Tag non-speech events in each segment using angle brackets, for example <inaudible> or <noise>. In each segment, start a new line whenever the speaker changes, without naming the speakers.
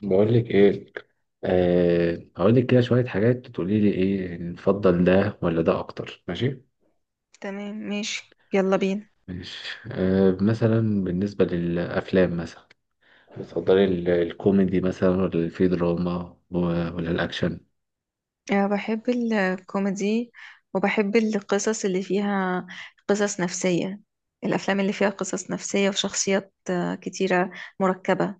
بقول لك ايه. هقول لك كده شويه حاجات تقولي لي ايه، نفضل ده ولا ده اكتر؟ ماشي.
تمام، ماشي، يلا بينا.
ماشي، مثلا بالنسبه للافلام، مثلا بتفضلي الكوميدي مثلا، ولا في دراما ولا الاكشن؟
أه، بحب الكوميدي، وبحب القصص اللي فيها قصص نفسية. الأفلام اللي فيها قصص نفسية وشخصيات كتيرة، مركبة.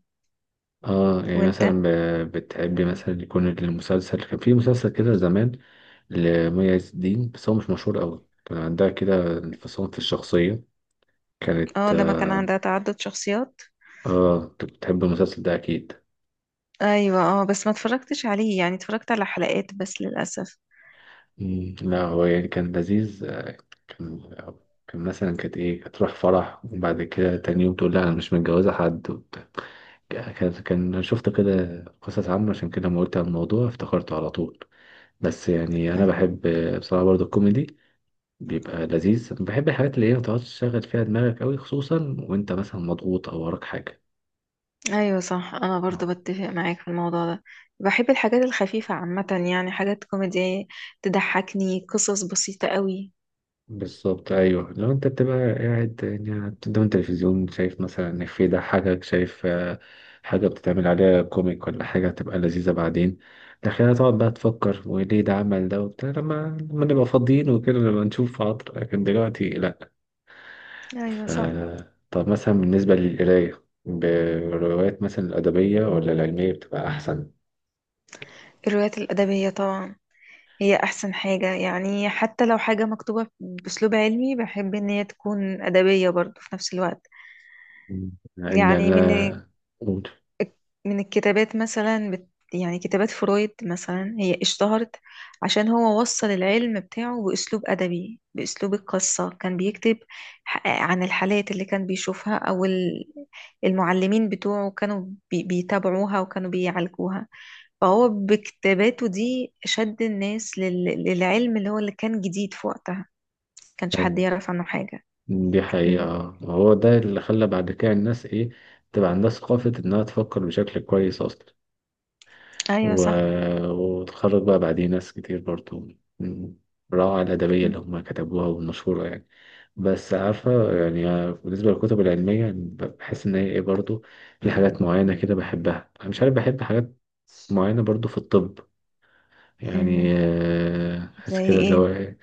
اه يعني مثلا
وانت؟
بتحبي
مم.
مثلا يكون المسلسل، كان في مسلسل كده زمان لمي عز الدين، بس هو مش مشهور قوي، كان عندها كده انفصام في الشخصيه، كانت،
اه، لما كان عندها تعدد شخصيات.
اه كنت بتحب المسلسل ده اكيد.
ايوه، اه، بس ما اتفرجتش عليه، يعني اتفرجت على حلقات بس للأسف.
مم، لا هو يعني كان لذيذ، كان كان مثلا كانت ايه، هتروح فرح وبعد كده تاني يوم تقول لا انا مش متجوزة حد وبتاع. كان شفت كده قصص عامة، عشان كده لما قلت عن الموضوع افتكرته على طول. بس يعني انا
أيوة.
بحب بصراحة برضو الكوميدي، بيبقى لذيذ. بحب الحاجات اللي هي ما تقعدش تشغل فيها دماغك قوي، خصوصا وانت مثلا مضغوط او وراك حاجة.
ايوه صح، انا برضو بتفق معاك في الموضوع ده. بحب الحاجات الخفيفة عامة، يعني حاجات كوميدية تضحكني، قصص بسيطة قوي.
بالظبط، ايوه. لو انت بتبقى قاعد يعني قدام التلفزيون شايف مثلا ان في ده حاجه، شايف آه، حاجه بتتعمل عليها كوميك ولا حاجه هتبقى لذيذه بعدين، لكن هتقعد بقى تفكر وليه ده عمل ده وبتاع، لما نبقى فاضيين وكده، لما نشوف عطر، لكن دلوقتي لا.
ايوه
ف...
صح.
طب مثلا بالنسبه للقرايه، بالروايات مثلا الادبيه ولا العلميه بتبقى احسن؟
الروايات الأدبية طبعا، هي أحسن حاجة. يعني حتى لو حاجة مكتوبة بأسلوب علمي، بحب إن هي تكون أدبية برضو في نفس الوقت.
ان
يعني من
انا قول.
من الكتابات مثلا يعني كتابات فرويد مثلا، هي اشتهرت عشان هو وصل العلم بتاعه بأسلوب أدبي، بأسلوب القصة. كان بيكتب عن الحالات اللي كان بيشوفها، أو المعلمين بتوعه كانوا بيتابعوها وكانوا بيعالجوها. فهو بكتاباته دي شد الناس للعلم اللي هو اللي كان جديد في وقتها، كانش حد يعرف عنه حاجة.
دي حقيقة
مم.
آه. هو ده اللي خلى بعد كده الناس إيه، تبقى عندها ثقافة إنها تفكر بشكل كويس أصلا.
أيوة
و...
صح.
وتخرج بقى بعديه ناس كتير برضو من الروعة الأدبية اللي
مم.
هما كتبوها والمشهورة يعني. بس عارفة، يعني آه، بالنسبة للكتب العلمية بحس إن هي إيه برضو، في حاجات معينة كده بحبها، أنا مش عارف، بحب حاجات معينة برضو في الطب، يعني
مم.
آه، بحس
زي
كده اللي
إيه؟
هو،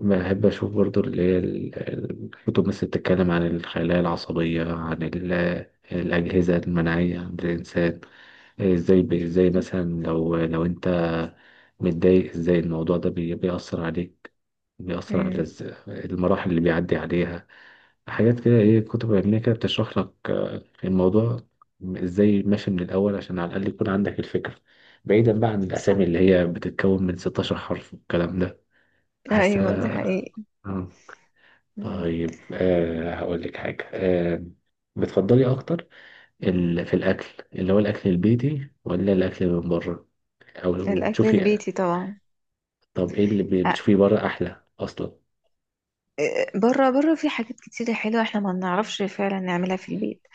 بحب اشوف برضو اللي هي الكتب مثل بتتكلم عن الخلايا العصبية، عن الأجهزة المناعية عند الإنسان، ازاي ازاي مثلا لو انت متضايق، ازاي الموضوع ده بيأثر عليك، بيأثر على
مم.
المراحل اللي بيعدي عليها. حاجات كده ايه، كتب علمية كده بتشرح لك آه، الموضوع ازاي ماشي من الأول، عشان على الأقل يكون عندك الفكرة، بعيدا بقى عن الأسامي
صح.
اللي هي بتتكون من 16 حرف والكلام ده.
ايوه دي
بحسها
حقيقة.
آه.
مم.
طيب، هقول لك حاجة، أه، بتفضلي أكتر ال... في الأكل، اللي هو الأكل البيتي ولا الأكل من بره؟ أو لو
الاكل
بتشوفي،
البيتي طبعا.
طب إيه اللي
أ-
بتشوفيه بره أحلى أصلا؟
بره، بره في حاجات كتيرة حلوة احنا ما بنعرفش فعلا نعملها في البيت.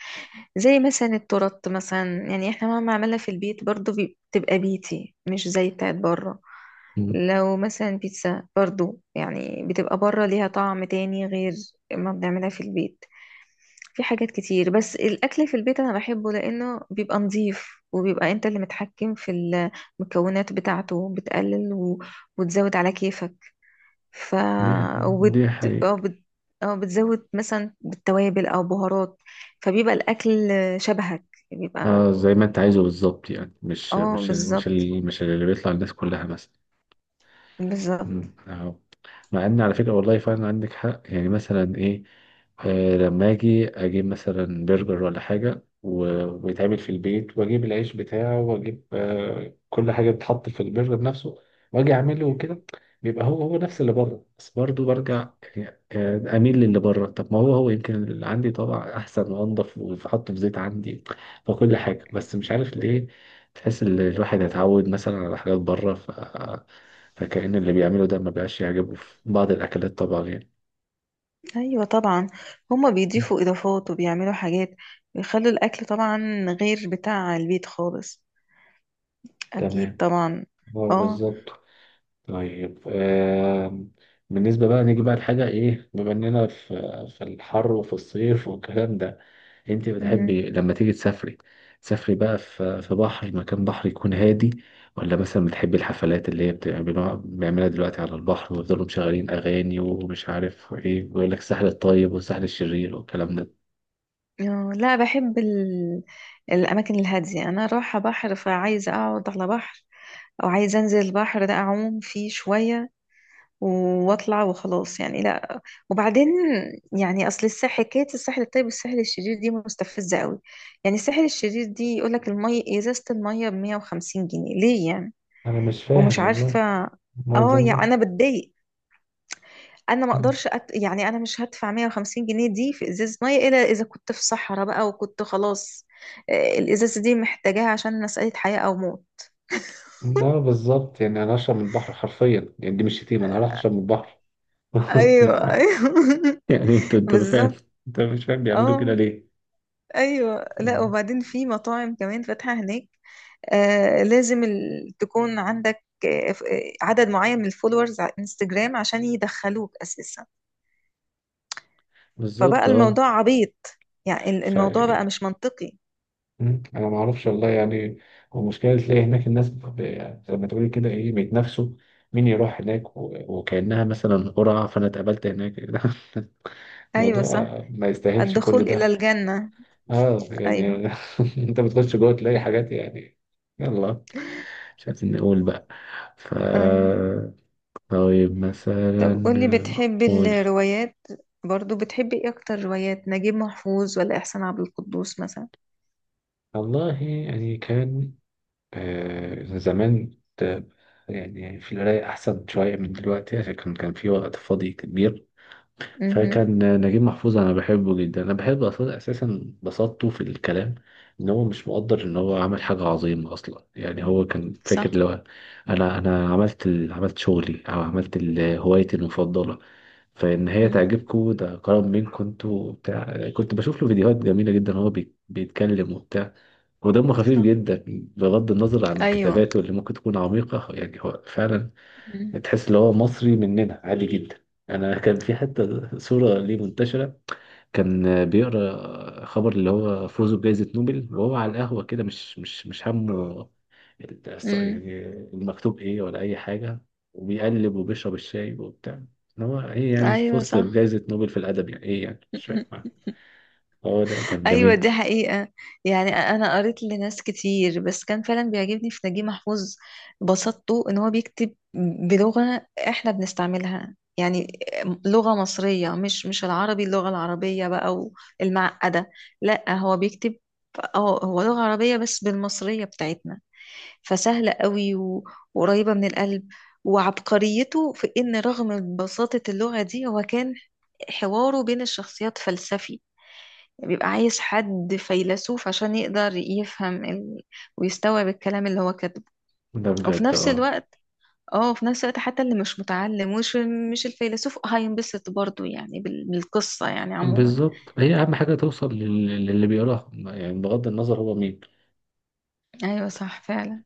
زي مثلا التورت مثلا، يعني احنا مهما عملنا في البيت برضو بتبقى بيتي، مش زي بتاعت بره.
مم.
لو مثلا بيتزا برضو، يعني بتبقى بره ليها طعم تاني غير ما بنعملها في البيت. في حاجات كتير، بس الأكل في البيت أنا بحبه لأنه بيبقى نظيف، وبيبقى أنت اللي متحكم في المكونات بتاعته، بتقلل وتزود على كيفك. ف
دي
وبت...
دي حقيقة.
أو بت... أو بتزود مثلا بالتوابل أو بهارات، فبيبقى الأكل شبهك، بيبقى.
آه، زي ما أنت عايزه بالظبط، يعني
اه بالظبط،
مش اللي بيطلع الناس كلها مثلا.
بالظبط.
مم. أهو. مع ان على فكره والله فعلا عندك حق، يعني مثلا ايه، آه، لما اجي اجيب مثلا برجر ولا حاجه ويتعمل في البيت، واجيب العيش بتاعه، واجيب آه كل حاجه بتتحط في البرجر نفسه، واجي اعمله وكده، بيبقى هو هو نفس اللي بره، بس برضه برجع يعني آه، اميل للي بره. طب ما هو هو يمكن اللي عندي طبعا احسن وانضف، وحطه في زيت عندي وكل حاجه، بس مش عارف ليه تحس ان الواحد اتعود مثلا على حاجات بره، فكأن اللي بيعمله ده ما بقاش يعجبه في بعض الأكلات طبعا يعني.
ايوه طبعا، هما
مم.
بيضيفوا اضافات وبيعملوا حاجات، بيخلوا الاكل طبعا غير بتاع البيت خالص. اكيد
تمام،
طبعا.
هو
اه.
بالظبط. طيب آم، بالنسبة بقى نيجي بقى لحاجة إيه، بما إننا في في الحر وفي الصيف والكلام ده، أنت
مهم.
بتحبي لما تيجي تسافري، تسافري بقى في بحر، مكان بحر يكون هادي، ولا مثلا بتحبي الحفلات اللي هي بتعملوها بيعملها دلوقتي على البحر، ويفضلوا مشغلين أغاني ومش عارف إيه، ويقول لك الساحل الطيب والساحل الشرير والكلام ده؟
لا، بحب الأماكن الهادية. أنا رايحة بحر، فعايزة أقعد على بحر، أو عايزة أنزل البحر ده أعوم فيه شوية، وأطلع وخلاص يعني، لا. وبعدين يعني، أصل الساحل، حكاية الساحل الطيب والساحل الشرير دي مستفزة قوي. يعني الساحل الشرير دي يقولك المية، إزازة المية بمية وخمسين جنيه ليه يعني؟
أنا مش فاهم
ومش
والله.
عارفة.
مية
اه يعني
زمزم؟
أنا بتضايق. انا ما اقدرش يعني انا مش هدفع 150 جنيه دي في ازازه ميه، الا اذا كنت في صحراء بقى وكنت خلاص، الازازه دي محتاجاها عشان مساله حياه او موت.
لا بالظبط، يعني انا اشرب من البحر حرفيا، يعني دي مش شتيمه، انا راح اشرب من البحر.
ايوه
<laughs>
ايوه. <laughs>
يعني انت، انت ما فاهم،
بالظبط.
انت مش فاهم بيعملوا كده
اه.
ليه.
ايوه، لا
مم.
وبعدين في مطاعم كمان فاتحه هناك، آه لازم تكون عندك عدد معين من الفولورز على انستجرام عشان يدخلوك اساسا. فبقى
بالظبط اه.
الموضوع عبيط، يعني
ف
الموضوع بقى مش منطقي.
مم. انا ما اعرفش والله يعني، المشكله تلاقي هناك الناس ب... زي ما تقولي كده ايه، بيتنافسوا مين يروح هناك و... وكانها مثلا قرعه، فانا اتقابلت هناك. <laughs>
ايوه صح.
الموضوع ما يستاهلش
الدخول
كل
الى
ده.
الجنه.
اه
ايوه.
يعني. <laughs> انت بتخش جوه تلاقي حاجات يعني، يلا مش عايزين نقول بقى. ف
ايوه
طيب
طب قولي،
مثلا،
بتحبي
قول.
الروايات، برضو بتحبي ايه اكتر، روايات نجيب محفوظ ولا احسان عبد القدوس مثلا؟
والله يعني كان آه، زمان كنت يعني في القراية أحسن شوية من دلوقتي، عشان كان في وقت فاضي كبير،
امم.
فكان نجيب محفوظ أنا بحبه جدا. أنا بحب أصلا أساسا بساطته في الكلام، إن هو مش مقدر إن هو عمل حاجة عظيمة أصلا، يعني هو كان فاكر
صح.
لو أنا، عملت عملت شغلي أو عملت هوايتي المفضلة فان هي
مم.
تعجبكم ده كرم منكم انتوا بتاع. كنت بشوف له فيديوهات جميله جدا، هو بيتكلم وبتاع ودمه خفيف
صح.
جدا، بغض النظر عن
ايوه.
كتاباته اللي ممكن تكون عميقه. يعني هو فعلا تحس ان هو مصري مننا عادي جدا. انا كان في حتى صوره ليه منتشره، كان بيقرا خبر اللي هو فوزه بجائزة نوبل وهو على القهوة كده، مش همه
امم.
يعني المكتوب ايه ولا اي حاجة، وبيقلب وبيشرب الشاي وبتاع. ان هو ايه يعني،
ايوه
فزت
صح.
بجائزة نوبل في الادب، يعني ايه، يعني مش فاهم. هو ده كان
ايوه
جميل.
دي حقيقة. يعني انا قريت لناس كتير، بس كان فعلا بيعجبني في نجيب محفوظ بساطته. ان هو بيكتب بلغة احنا بنستعملها يعني، لغة مصرية، مش العربي، اللغة العربية بقى والمعقدة. لا هو بيكتب، اه هو لغة عربية بس بالمصرية بتاعتنا، فسهلة قوي وقريبة من القلب. وعبقريته في ان رغم بساطة اللغة دي، هو كان حواره بين الشخصيات فلسفي، يعني بيبقى عايز حد فيلسوف عشان يقدر يفهم ويستوعب الكلام اللي هو كاتبه.
ده
وفي
بجد
نفس
اه.
الوقت، اه في نفس الوقت، حتى اللي مش متعلم ومش مش الفيلسوف هينبسط برضو يعني بالقصة يعني عموما.
بالظبط، هي اهم حاجة توصل للي بيقراها، يعني بغض النظر هو مين.
ايوه صح فعلا.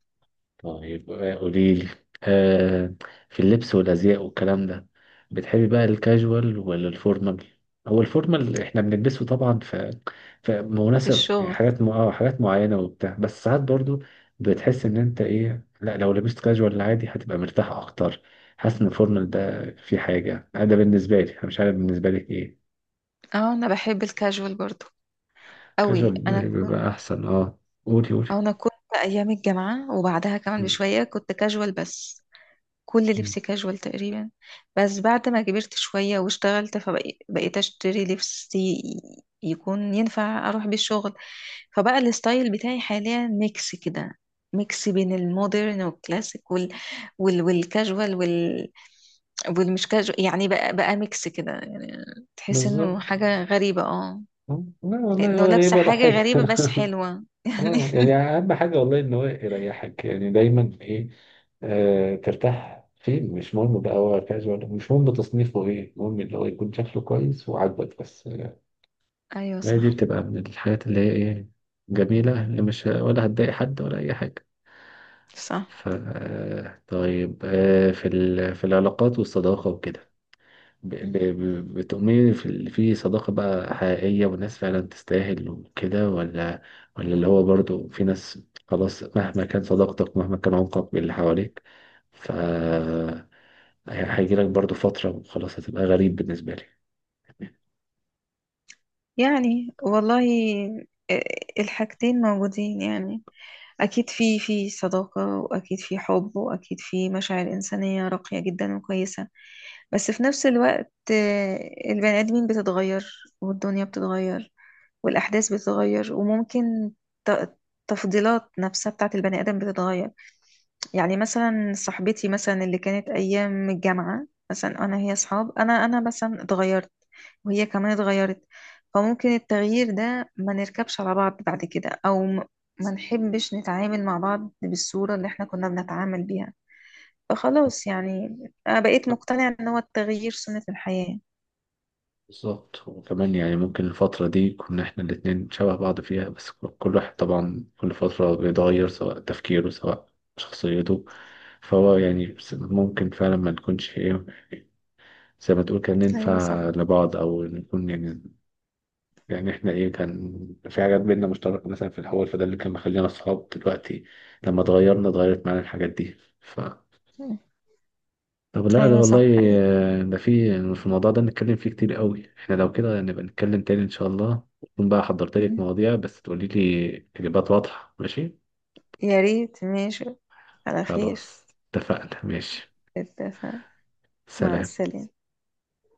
طيب آه، قولي لي آه، في اللبس والازياء والكلام ده، بتحبي بقى الكاجوال ولا الفورمال؟ هو الفورمال احنا بنلبسه طبعا، ف فمناسب يعني
بالشغل.
حاجات م... اه حاجات معينه وبتاع، بس ساعات برضو بتحس ان انت ايه، لا لو لبست كاجوال عادي هتبقى مرتاح اكتر، حاسس ان الفورمال ده في حاجه. أنا ده بالنسبه لي، انا مش عارف بالنسبه لك ايه.
اه انا بحب الكاجوال برضو قوي. انا
كاجوال
كنت،
بيبقى احسن اه. قولي
أو انا كنت ايام الجامعة وبعدها كمان
م-
بشوية كنت كاجوال بس، كل
م.
لبس كاجوال تقريبا. بس بعد ما كبرت شوية واشتغلت، فبقيت اشتري لبس يكون ينفع اروح بيه الشغل. فبقى الستايل بتاعي حاليا ميكس كده، ميكس بين المودرن والكلاسيك والكاجوال والمش كاجوال يعني، بقى ميكس كده يعني. تحس انه
بالظبط.
حاجة غريبة اه،
لا والله ولا
انه
غريب
لابسة
ولا
حاجة
حاجة.
غريبة بس
<laughs>
حلوة <laughs> يعني.
اه يعني اهم حاجه والله ان هو يريحك، يعني دايما ايه، آه ترتاح فين، مش مهم بقى هو كاجوال، مش مهم تصنيفه ايه، المهم اللي هو يكون شكله كويس وعاجبك بس.
ايوه
هي دي
صح.
بتبقى من الحاجات اللي هي ايه، جميله، اللي مش ولا هتضايق حد ولا اي حاجه.
صح.
ف آه، طيب آه، في ال... في العلاقات والصداقه وكده، بتؤمني في في صداقة بقى حقيقية والناس فعلا تستاهل وكده، ولا، ولا اللي هو برضو في ناس خلاص، مهما كان صداقتك، مهما كان عمقك باللي حواليك، ف هي- هيجيلك برضو فترة وخلاص هتبقى غريب بالنسبة لي؟
يعني والله، آه، الحاجتين موجودين يعني. أكيد في في صداقة، وأكيد في حب، وأكيد في مشاعر إنسانية راقية جدا وكويسة. بس في نفس الوقت، البني آدمين بتتغير، والدنيا بتتغير، والأحداث بتتغير، وممكن ت- تفضيلات نفسها بتاعت البني آدم بتتغير. يعني مثلا صاحبتي مثلا اللي كانت ايام الجامعه مثلا انا، هي اصحاب، انا مثلا اتغيرت، وهي كمان اتغيرت. فممكن التغيير ده ما نركبش على بعض بعد كده، او ما نحبش نتعامل مع بعض بالصوره اللي احنا كنا بنتعامل بيها. فخلاص يعني، انا بقيت مقتنعه ان هو التغيير سنه الحياه.
بالظبط، وكمان يعني ممكن الفترة دي كنا احنا الاتنين شبه بعض فيها، بس كل واحد طبعا كل فترة بيتغير، سواء تفكيره سواء شخصيته، فهو يعني ممكن فعلا ما نكونش ايه، زي ما تقول كان
ايوه
ننفع
صح.
لبعض او نكون يعني، يعني احنا ايه كان في حاجات بينا مشتركه مثلا في الاول، فده اللي كان مخلينا اصحاب دلوقتي، لما اتغيرنا اتغيرت معانا الحاجات دي. ف
مم.
طب لا لا
ايوه
والله
صح حقيقي.
آه، ده في في الموضوع ده نتكلم فيه كتير قوي، احنا لو كده نبقى نتكلم تاني ان شاء الله، تكون بقى حضرت لك
مم.
مواضيع بس تقولي لي اجابات واضحه، ماشي؟
يا ريت، ماشي، على خير.
خلاص، اتفقنا ماشي.
اتفق. مع
سلام.
السلامه.